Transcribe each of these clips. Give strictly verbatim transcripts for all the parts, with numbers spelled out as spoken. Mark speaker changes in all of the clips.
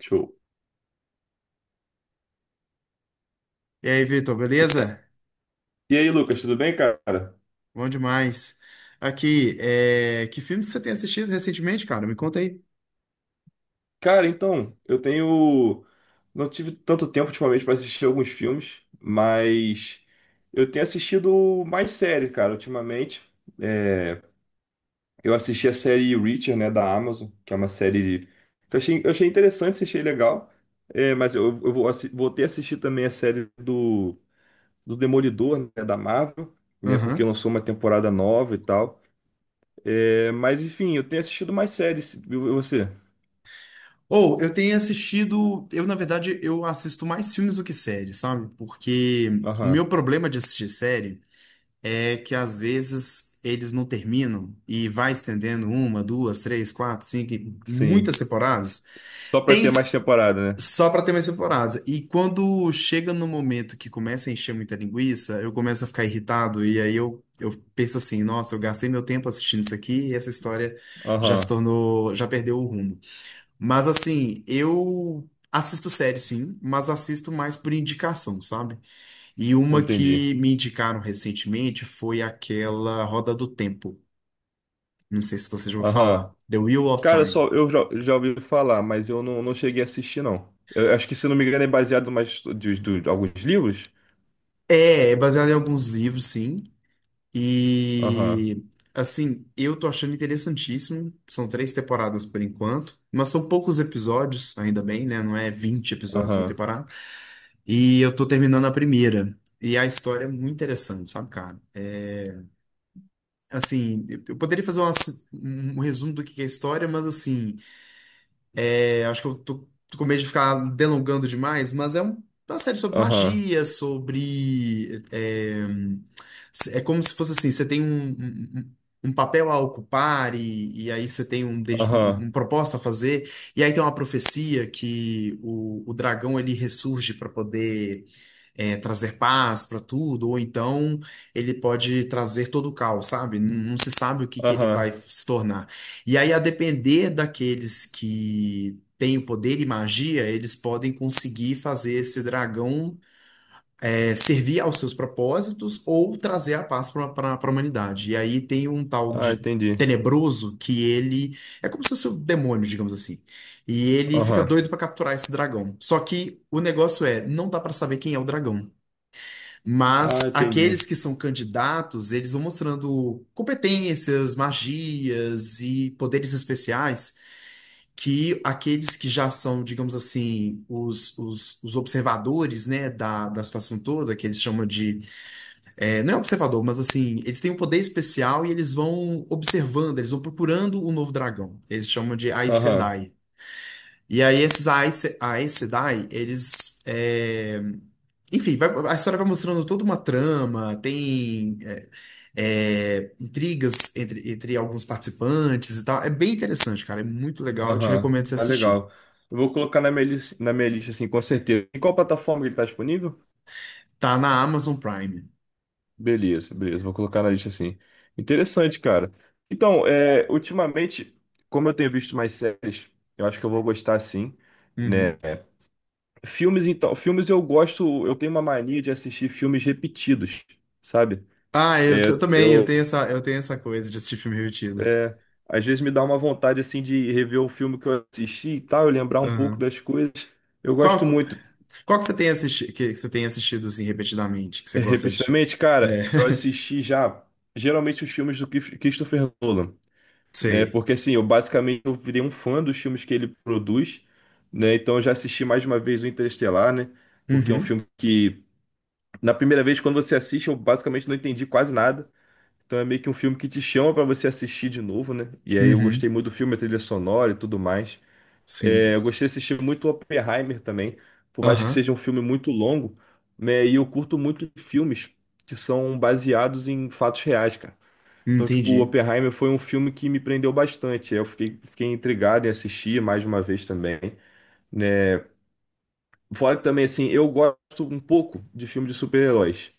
Speaker 1: Show.
Speaker 2: E aí, Vitor, beleza?
Speaker 1: E aí, Lucas, tudo bem, cara?
Speaker 2: Bom demais. Aqui, é... que filmes que você tem assistido recentemente, cara? Me conta aí.
Speaker 1: Cara, então, eu tenho. Não tive tanto tempo ultimamente para assistir alguns filmes, mas eu tenho assistido mais séries cara, ultimamente. É, Eu assisti a série Reacher, né, da Amazon, que é uma série de- que eu achei, eu achei interessante, achei legal. É, mas eu, eu vou, assi- vou ter que assistir também a série do, do Demolidor, né, da Marvel, né, porque
Speaker 2: Aham.
Speaker 1: lançou uma temporada nova e tal. É, mas enfim, eu tenho assistido mais séries. E você?
Speaker 2: Ou eu tenho assistido. Eu, na verdade, eu assisto mais filmes do que séries, sabe? Porque o meu
Speaker 1: Aham,
Speaker 2: problema de assistir série é que às vezes eles não terminam e vai estendendo uma, duas, três, quatro, cinco,
Speaker 1: sim.
Speaker 2: muitas
Speaker 1: S-
Speaker 2: temporadas.
Speaker 1: Só pra
Speaker 2: Tem,
Speaker 1: ter mais temporada, né?
Speaker 2: só para ter mais temporadas. E quando chega no momento que começa a encher muita linguiça, eu começo a ficar irritado e aí eu, eu penso assim, nossa, eu gastei meu tempo assistindo isso aqui e essa história já se
Speaker 1: Aham,
Speaker 2: tornou, já perdeu o rumo. Mas assim, eu assisto série sim, mas assisto mais por indicação, sabe? E uma
Speaker 1: entendi.
Speaker 2: que me indicaram recentemente foi aquela Roda do Tempo. Não sei se você já ouviu
Speaker 1: Aham.
Speaker 2: falar. The Wheel of
Speaker 1: Cara,
Speaker 2: Time.
Speaker 1: só eu já, já ouvi falar, mas eu não, não cheguei a assistir, não. Eu acho que, se não me engano, é baseado mais de, de, de alguns livros.
Speaker 2: É, é baseado em alguns livros, sim.
Speaker 1: Aham,
Speaker 2: E assim, eu tô achando interessantíssimo. São três temporadas por enquanto, mas são poucos episódios, ainda bem, né? Não é vinte episódios uma
Speaker 1: aham,
Speaker 2: temporada. E eu tô terminando a primeira. E a história é muito interessante, sabe, cara? É, assim, eu eu poderia fazer uma- um, um resumo do que que é a história, mas assim, é, acho que eu tô, tô com medo de ficar delongando demais, mas é um- uma série sobre
Speaker 1: aham,
Speaker 2: magia, sobre. É, é como se fosse assim: você tem um, um, um papel a ocupar, e, e aí você tem um, de- um,
Speaker 1: aham,
Speaker 2: um propósito a fazer, e aí tem uma profecia que o, o dragão ele ressurge para poder. É, trazer paz para tudo, ou então ele pode trazer todo o caos, sabe? Não, não se sabe o que que ele
Speaker 1: aham.
Speaker 2: vai se tornar. E aí, a depender daqueles que têm o poder e magia, eles podem conseguir fazer esse dragão é, servir aos seus propósitos ou trazer a paz para a humanidade. E aí tem um tal
Speaker 1: Ah,
Speaker 2: de
Speaker 1: entendi.
Speaker 2: Tenebroso que ele é como se fosse um demônio, digamos assim. E ele fica
Speaker 1: Aham.
Speaker 2: doido para capturar esse dragão. Só que o negócio é, não dá para saber quem é o dragão. Mas
Speaker 1: Ah,
Speaker 2: aqueles
Speaker 1: entendi.
Speaker 2: que são candidatos, eles vão mostrando competências, magias e poderes especiais que aqueles que já são, digamos assim, os, os, os observadores, né, da, da situação toda, que eles chamam de, é, não é observador, mas assim, eles têm um poder especial e eles vão observando, eles vão procurando o novo dragão. Eles chamam de Aes
Speaker 1: Aham,
Speaker 2: Sedai. E aí esses Aes, Aes Sedai, eles, é, enfim, vai- a história vai mostrando toda uma trama, tem é, é, intrigas entre, entre alguns participantes e tal. É bem interessante, cara. É muito legal. Eu te
Speaker 1: aham.
Speaker 2: recomendo você
Speaker 1: Ah,
Speaker 2: assistir.
Speaker 1: legal. Eu vou colocar na minha, lis- na minha lista, assim, com certeza. Em qual plataforma ele tá disponível?
Speaker 2: Tá na Amazon Prime.
Speaker 1: Beleza, beleza. Vou colocar na lista assim. Interessante, cara. Então, é, ultimamente, como eu tenho visto mais séries, eu acho que eu vou gostar sim,
Speaker 2: Uhum.
Speaker 1: né? Filmes, então, filmes eu gosto, eu tenho uma mania de assistir filmes repetidos, sabe?
Speaker 2: Ah, eu,
Speaker 1: É,
Speaker 2: sou- também, eu
Speaker 1: eu,
Speaker 2: tenho essa, eu tenho essa coisa de assistir filme repetido.
Speaker 1: é, às vezes me dá uma vontade assim de rever o filme que eu assisti e tal, eu lembrar um pouco
Speaker 2: Aham.
Speaker 1: das coisas. Eu gosto
Speaker 2: Qual,
Speaker 1: muito,
Speaker 2: qual que você tem assistido, que você tem assistido assim repetidamente, que você gosta de?
Speaker 1: repetidamente,
Speaker 2: É,
Speaker 1: cara. Eu assisti já geralmente os filmes do Christopher Nolan. Né?
Speaker 2: sei.
Speaker 1: Porque assim, eu basicamente eu virei um fã dos filmes que ele produz, né? Então eu já assisti mais de uma vez o Interestelar, né? Porque é um
Speaker 2: Uhum.
Speaker 1: filme que, na primeira vez, quando você assiste, eu basicamente não entendi quase nada. Então é meio que um filme que te chama pra você assistir de novo, né? E aí eu
Speaker 2: Uhum.
Speaker 1: gostei muito do filme, a trilha sonora e tudo mais.
Speaker 2: Sim.
Speaker 1: É, eu gostei de assistir muito Oppenheimer também, por mais que
Speaker 2: Aham.
Speaker 1: seja um filme muito longo, né? E eu curto muito filmes que são baseados em fatos reais, cara.
Speaker 2: Hum,
Speaker 1: Então, tipo, o
Speaker 2: entendi.
Speaker 1: Oppenheimer foi um filme que me prendeu bastante. Eu fiquei, fiquei intrigado em assistir mais uma vez também, né? Fora que também, assim, eu gosto um pouco de filmes de super-heróis.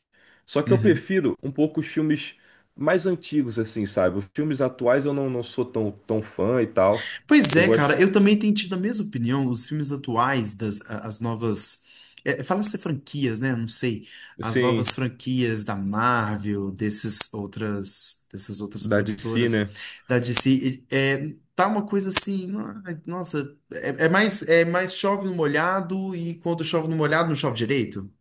Speaker 1: Só que eu
Speaker 2: Uhum.
Speaker 1: prefiro um pouco os filmes mais antigos, assim, sabe? Os filmes atuais eu não, não sou tão, tão fã e tal.
Speaker 2: Pois
Speaker 1: Eu
Speaker 2: é, cara,
Speaker 1: gosto,
Speaker 2: eu também tenho tido a mesma opinião. Os filmes atuais das a- as novas, é, fala-se franquias, né? Não sei, as novas
Speaker 1: assim,
Speaker 2: franquias da Marvel, desses outras, dessas outras
Speaker 1: da D C,
Speaker 2: produtoras
Speaker 1: né?
Speaker 2: da D C, e- é, tá uma coisa assim, no- nossa, é, é mais é mais chove no molhado e quando chove no molhado não chove direito.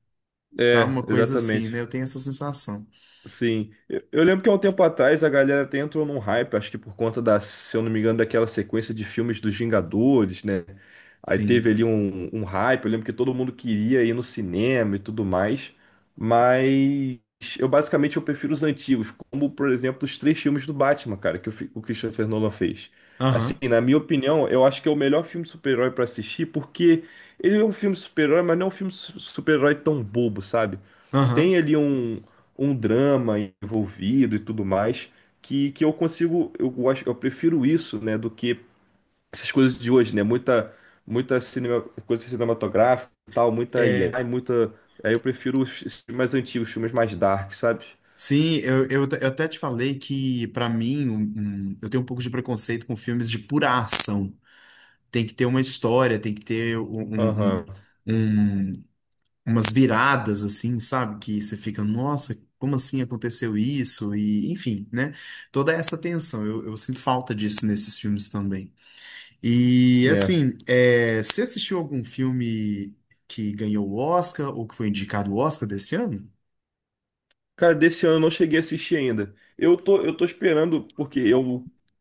Speaker 2: Tá
Speaker 1: É,
Speaker 2: uma coisa assim, né?
Speaker 1: exatamente.
Speaker 2: Eu tenho essa sensação.
Speaker 1: Sim, eu, eu lembro que há um tempo atrás a galera até entrou num hype, acho que por conta da, se eu não me engano, daquela sequência de filmes dos Vingadores, né? Aí teve
Speaker 2: Sim.
Speaker 1: ali um, um hype, eu lembro que todo mundo queria ir no cinema e tudo mais, mas eu basicamente eu prefiro os antigos, como por exemplo os três filmes do Batman, cara, que o, fi- o Christopher Nolan fez. Assim,
Speaker 2: Aham.
Speaker 1: na minha opinião, eu acho que é o melhor filme de super-herói pra assistir, porque ele é um filme de super-herói, mas não é um filme de su- super-herói tão bobo, sabe? Tem
Speaker 2: Aham.
Speaker 1: ali um, um drama envolvido e tudo mais, que, que eu consigo, eu gosto, eu prefiro isso, né, do que essas coisas de hoje, né? Muita, muita cinema, coisa cinematográfica e tal, muita I A, e
Speaker 2: É,
Speaker 1: muita. Aí eu prefiro os os filmes mais antigos, filmes mais dark, sabe?
Speaker 2: Sim, eu, eu, eu até te falei que, pra mim, um- um- eu tenho um pouco de preconceito com filmes de pura ação. Tem que ter uma história, tem que ter um, um-
Speaker 1: Aham,
Speaker 2: um- umas viradas, assim, sabe? Que você fica, nossa, como assim aconteceu isso? E, enfim, né? Toda essa tensão, eu, eu sinto falta disso nesses filmes também. E,
Speaker 1: né?
Speaker 2: assim, é, você assistiu algum filme que ganhou o Oscar ou que foi indicado o Oscar desse ano?
Speaker 1: Cara, desse ano eu não cheguei a assistir ainda. Eu tô, eu tô esperando, porque eu,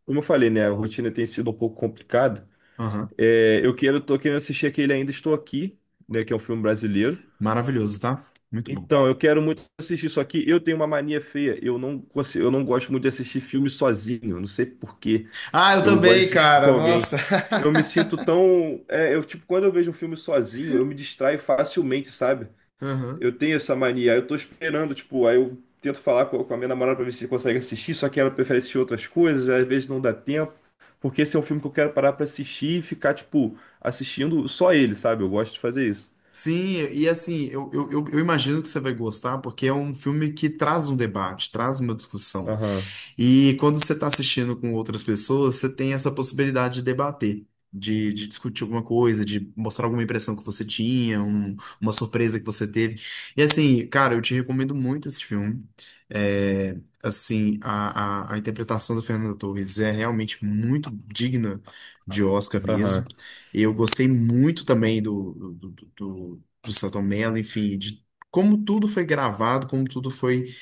Speaker 1: como eu falei, né? A rotina tem sido um pouco complicada.
Speaker 2: Aham,
Speaker 1: É, eu quero, tô querendo assistir aquele Ainda Estou Aqui, né? Que é um filme brasileiro.
Speaker 2: maravilhoso, tá? Muito bom.
Speaker 1: Então, eu quero muito assistir isso aqui. Eu tenho uma mania feia. Eu não, consigo- eu não gosto muito de assistir filme sozinho. Não sei por quê.
Speaker 2: Ah, eu
Speaker 1: Eu gosto de
Speaker 2: também,
Speaker 1: assistir com
Speaker 2: cara.
Speaker 1: alguém.
Speaker 2: Nossa.
Speaker 1: Eu me sinto tão. É, eu, tipo, quando eu vejo um filme sozinho, eu me distraio facilmente, sabe?
Speaker 2: Aham.
Speaker 1: Eu tenho essa mania. Aí eu tô esperando, tipo, aí eu tento falar com, com a minha namorada pra ver se consegue assistir, só que ela prefere assistir outras coisas, às vezes não dá tempo. Porque esse é um filme que eu quero parar pra assistir e ficar, tipo, assistindo só ele, sabe? Eu gosto de fazer isso.
Speaker 2: Sim, e assim, eu, eu, eu eu imagino que você vai gostar, porque é um filme que traz um debate, traz uma discussão.
Speaker 1: Aham,
Speaker 2: E quando você está assistindo com outras pessoas, você tem essa possibilidade de debater, de, de discutir alguma coisa, de mostrar alguma impressão que você tinha, um- uma surpresa que você teve. E assim, cara, eu te recomendo muito esse filme. É, assim, a, a, a interpretação do Fernando Torres é realmente muito digna de Oscar mesmo.
Speaker 1: aham,
Speaker 2: Eu gostei muito também do, do, do, do, do Selton Mello, enfim, de como tudo foi gravado, como tudo foi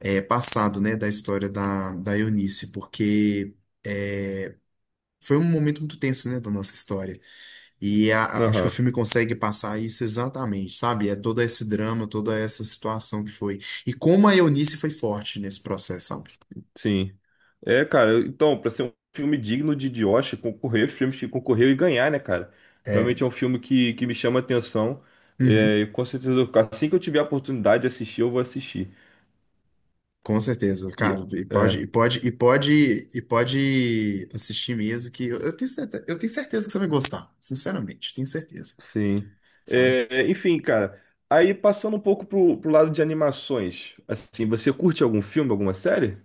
Speaker 2: é, passado, né, da história da, da Eunice, porque é, foi um momento muito tenso, né, da nossa história. E a- a- acho que o
Speaker 1: aham.
Speaker 2: filme consegue passar isso exatamente, sabe? É todo esse drama, toda essa situação que foi. E como a Eunice foi forte nesse processo, sabe?
Speaker 1: Sim. É, cara, então, pra ser um filme digno de de Oscar, concorrer, os filmes que concorreu e ganhar, né, cara?
Speaker 2: É.
Speaker 1: Realmente é um filme que, que me chama a atenção.
Speaker 2: Uhum.
Speaker 1: É, e com certeza, eu- assim que eu tiver a oportunidade de assistir, eu vou assistir.
Speaker 2: Com certeza, cara,
Speaker 1: E,
Speaker 2: e pode, e
Speaker 1: é,
Speaker 2: pode, e pode, e pode assistir mesmo que eu eu tenho certeza, eu tenho certeza que você vai gostar, sinceramente, tenho certeza,
Speaker 1: sim.
Speaker 2: sabe?
Speaker 1: É, é, enfim, cara, aí passando um pouco pro, pro lado de animações, assim, você curte algum filme, alguma série?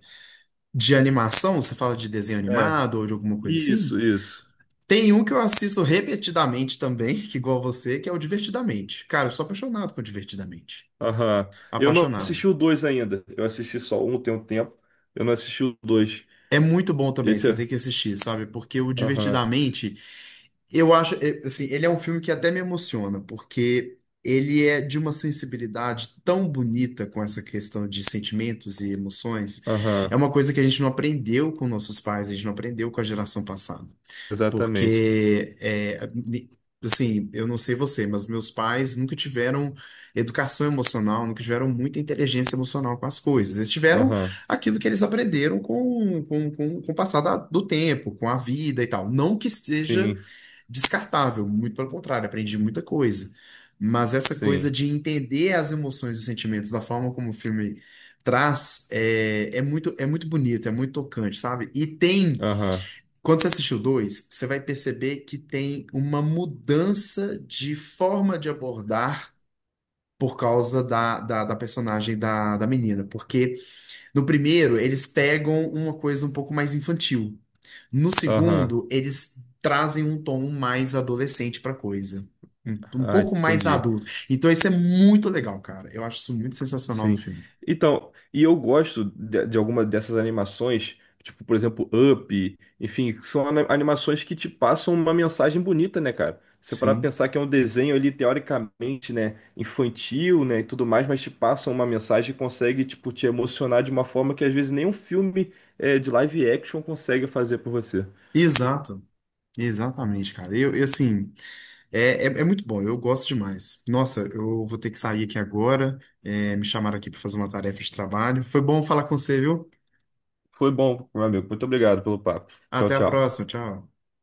Speaker 2: De animação, você fala de desenho
Speaker 1: É,
Speaker 2: animado ou de alguma coisa assim?
Speaker 1: isso, isso.
Speaker 2: Tem um que eu assisto repetidamente também, que igual você, que é o Divertidamente. Cara, eu sou apaixonado por Divertidamente.
Speaker 1: Aham. Eu não
Speaker 2: Apaixonado.
Speaker 1: assisti o dois ainda. Eu assisti só um tem um tempo. Eu não assisti o dois.
Speaker 2: É muito bom também,
Speaker 1: Esse
Speaker 2: você
Speaker 1: é.
Speaker 2: tem que assistir, sabe? Porque o
Speaker 1: Aham.
Speaker 2: Divertidamente, eu acho, é, assim, ele é um filme que até me emociona, porque ele é de uma sensibilidade tão bonita com essa questão de sentimentos e emoções. É
Speaker 1: Aham,
Speaker 2: uma coisa que a gente não aprendeu com nossos pais, a gente não aprendeu com a geração passada.
Speaker 1: exatamente.
Speaker 2: Porque, é, ni- assim, eu não sei você, mas meus pais nunca tiveram educação emocional, nunca tiveram muita inteligência emocional com as coisas. Eles tiveram
Speaker 1: Aham,
Speaker 2: aquilo que eles aprenderam com, com, com, com o passar da- do tempo, com a vida e tal. Não que
Speaker 1: sim,
Speaker 2: seja descartável, muito pelo contrário, aprendi muita coisa. Mas essa coisa
Speaker 1: sim.
Speaker 2: de entender as emoções e os sentimentos da forma como o filme traz é, é muito, é muito bonito, é muito tocante, sabe? E tem.
Speaker 1: Aham,
Speaker 2: Quando você assistir o dois, você vai perceber que tem uma mudança de forma de abordar por causa da, da, da personagem da, da menina. Porque no primeiro, eles pegam uma coisa um pouco mais infantil. No
Speaker 1: aham.
Speaker 2: segundo, eles trazem um tom mais adolescente pra coisa. Um, Um
Speaker 1: Ah,
Speaker 2: pouco mais
Speaker 1: entendi.
Speaker 2: adulto. Então isso é muito legal, cara. Eu acho isso muito sensacional no
Speaker 1: Sim.
Speaker 2: filme.
Speaker 1: Então, e eu gosto de, de alguma dessas animações, tipo, por exemplo, Up, enfim, que são ana- animações que te passam uma mensagem bonita, né, cara? Você parar pra
Speaker 2: Sim.
Speaker 1: pensar que é um desenho ali, teoricamente, né, infantil, né, e tudo mais, mas te passam uma mensagem e consegue, tipo, te emocionar de uma forma que às vezes nem um filme, eh, de live action consegue fazer por você.
Speaker 2: Exato. Exatamente, cara. Eu, eu assim. É, é, é muito bom, eu gosto demais. Nossa, eu vou ter que sair aqui agora. É, me chamaram aqui para fazer uma tarefa de trabalho. Foi bom falar com você, viu?
Speaker 1: Foi bom, meu amigo. Muito obrigado pelo papo. Tchau,
Speaker 2: Até a
Speaker 1: tchau.
Speaker 2: próxima, tchau.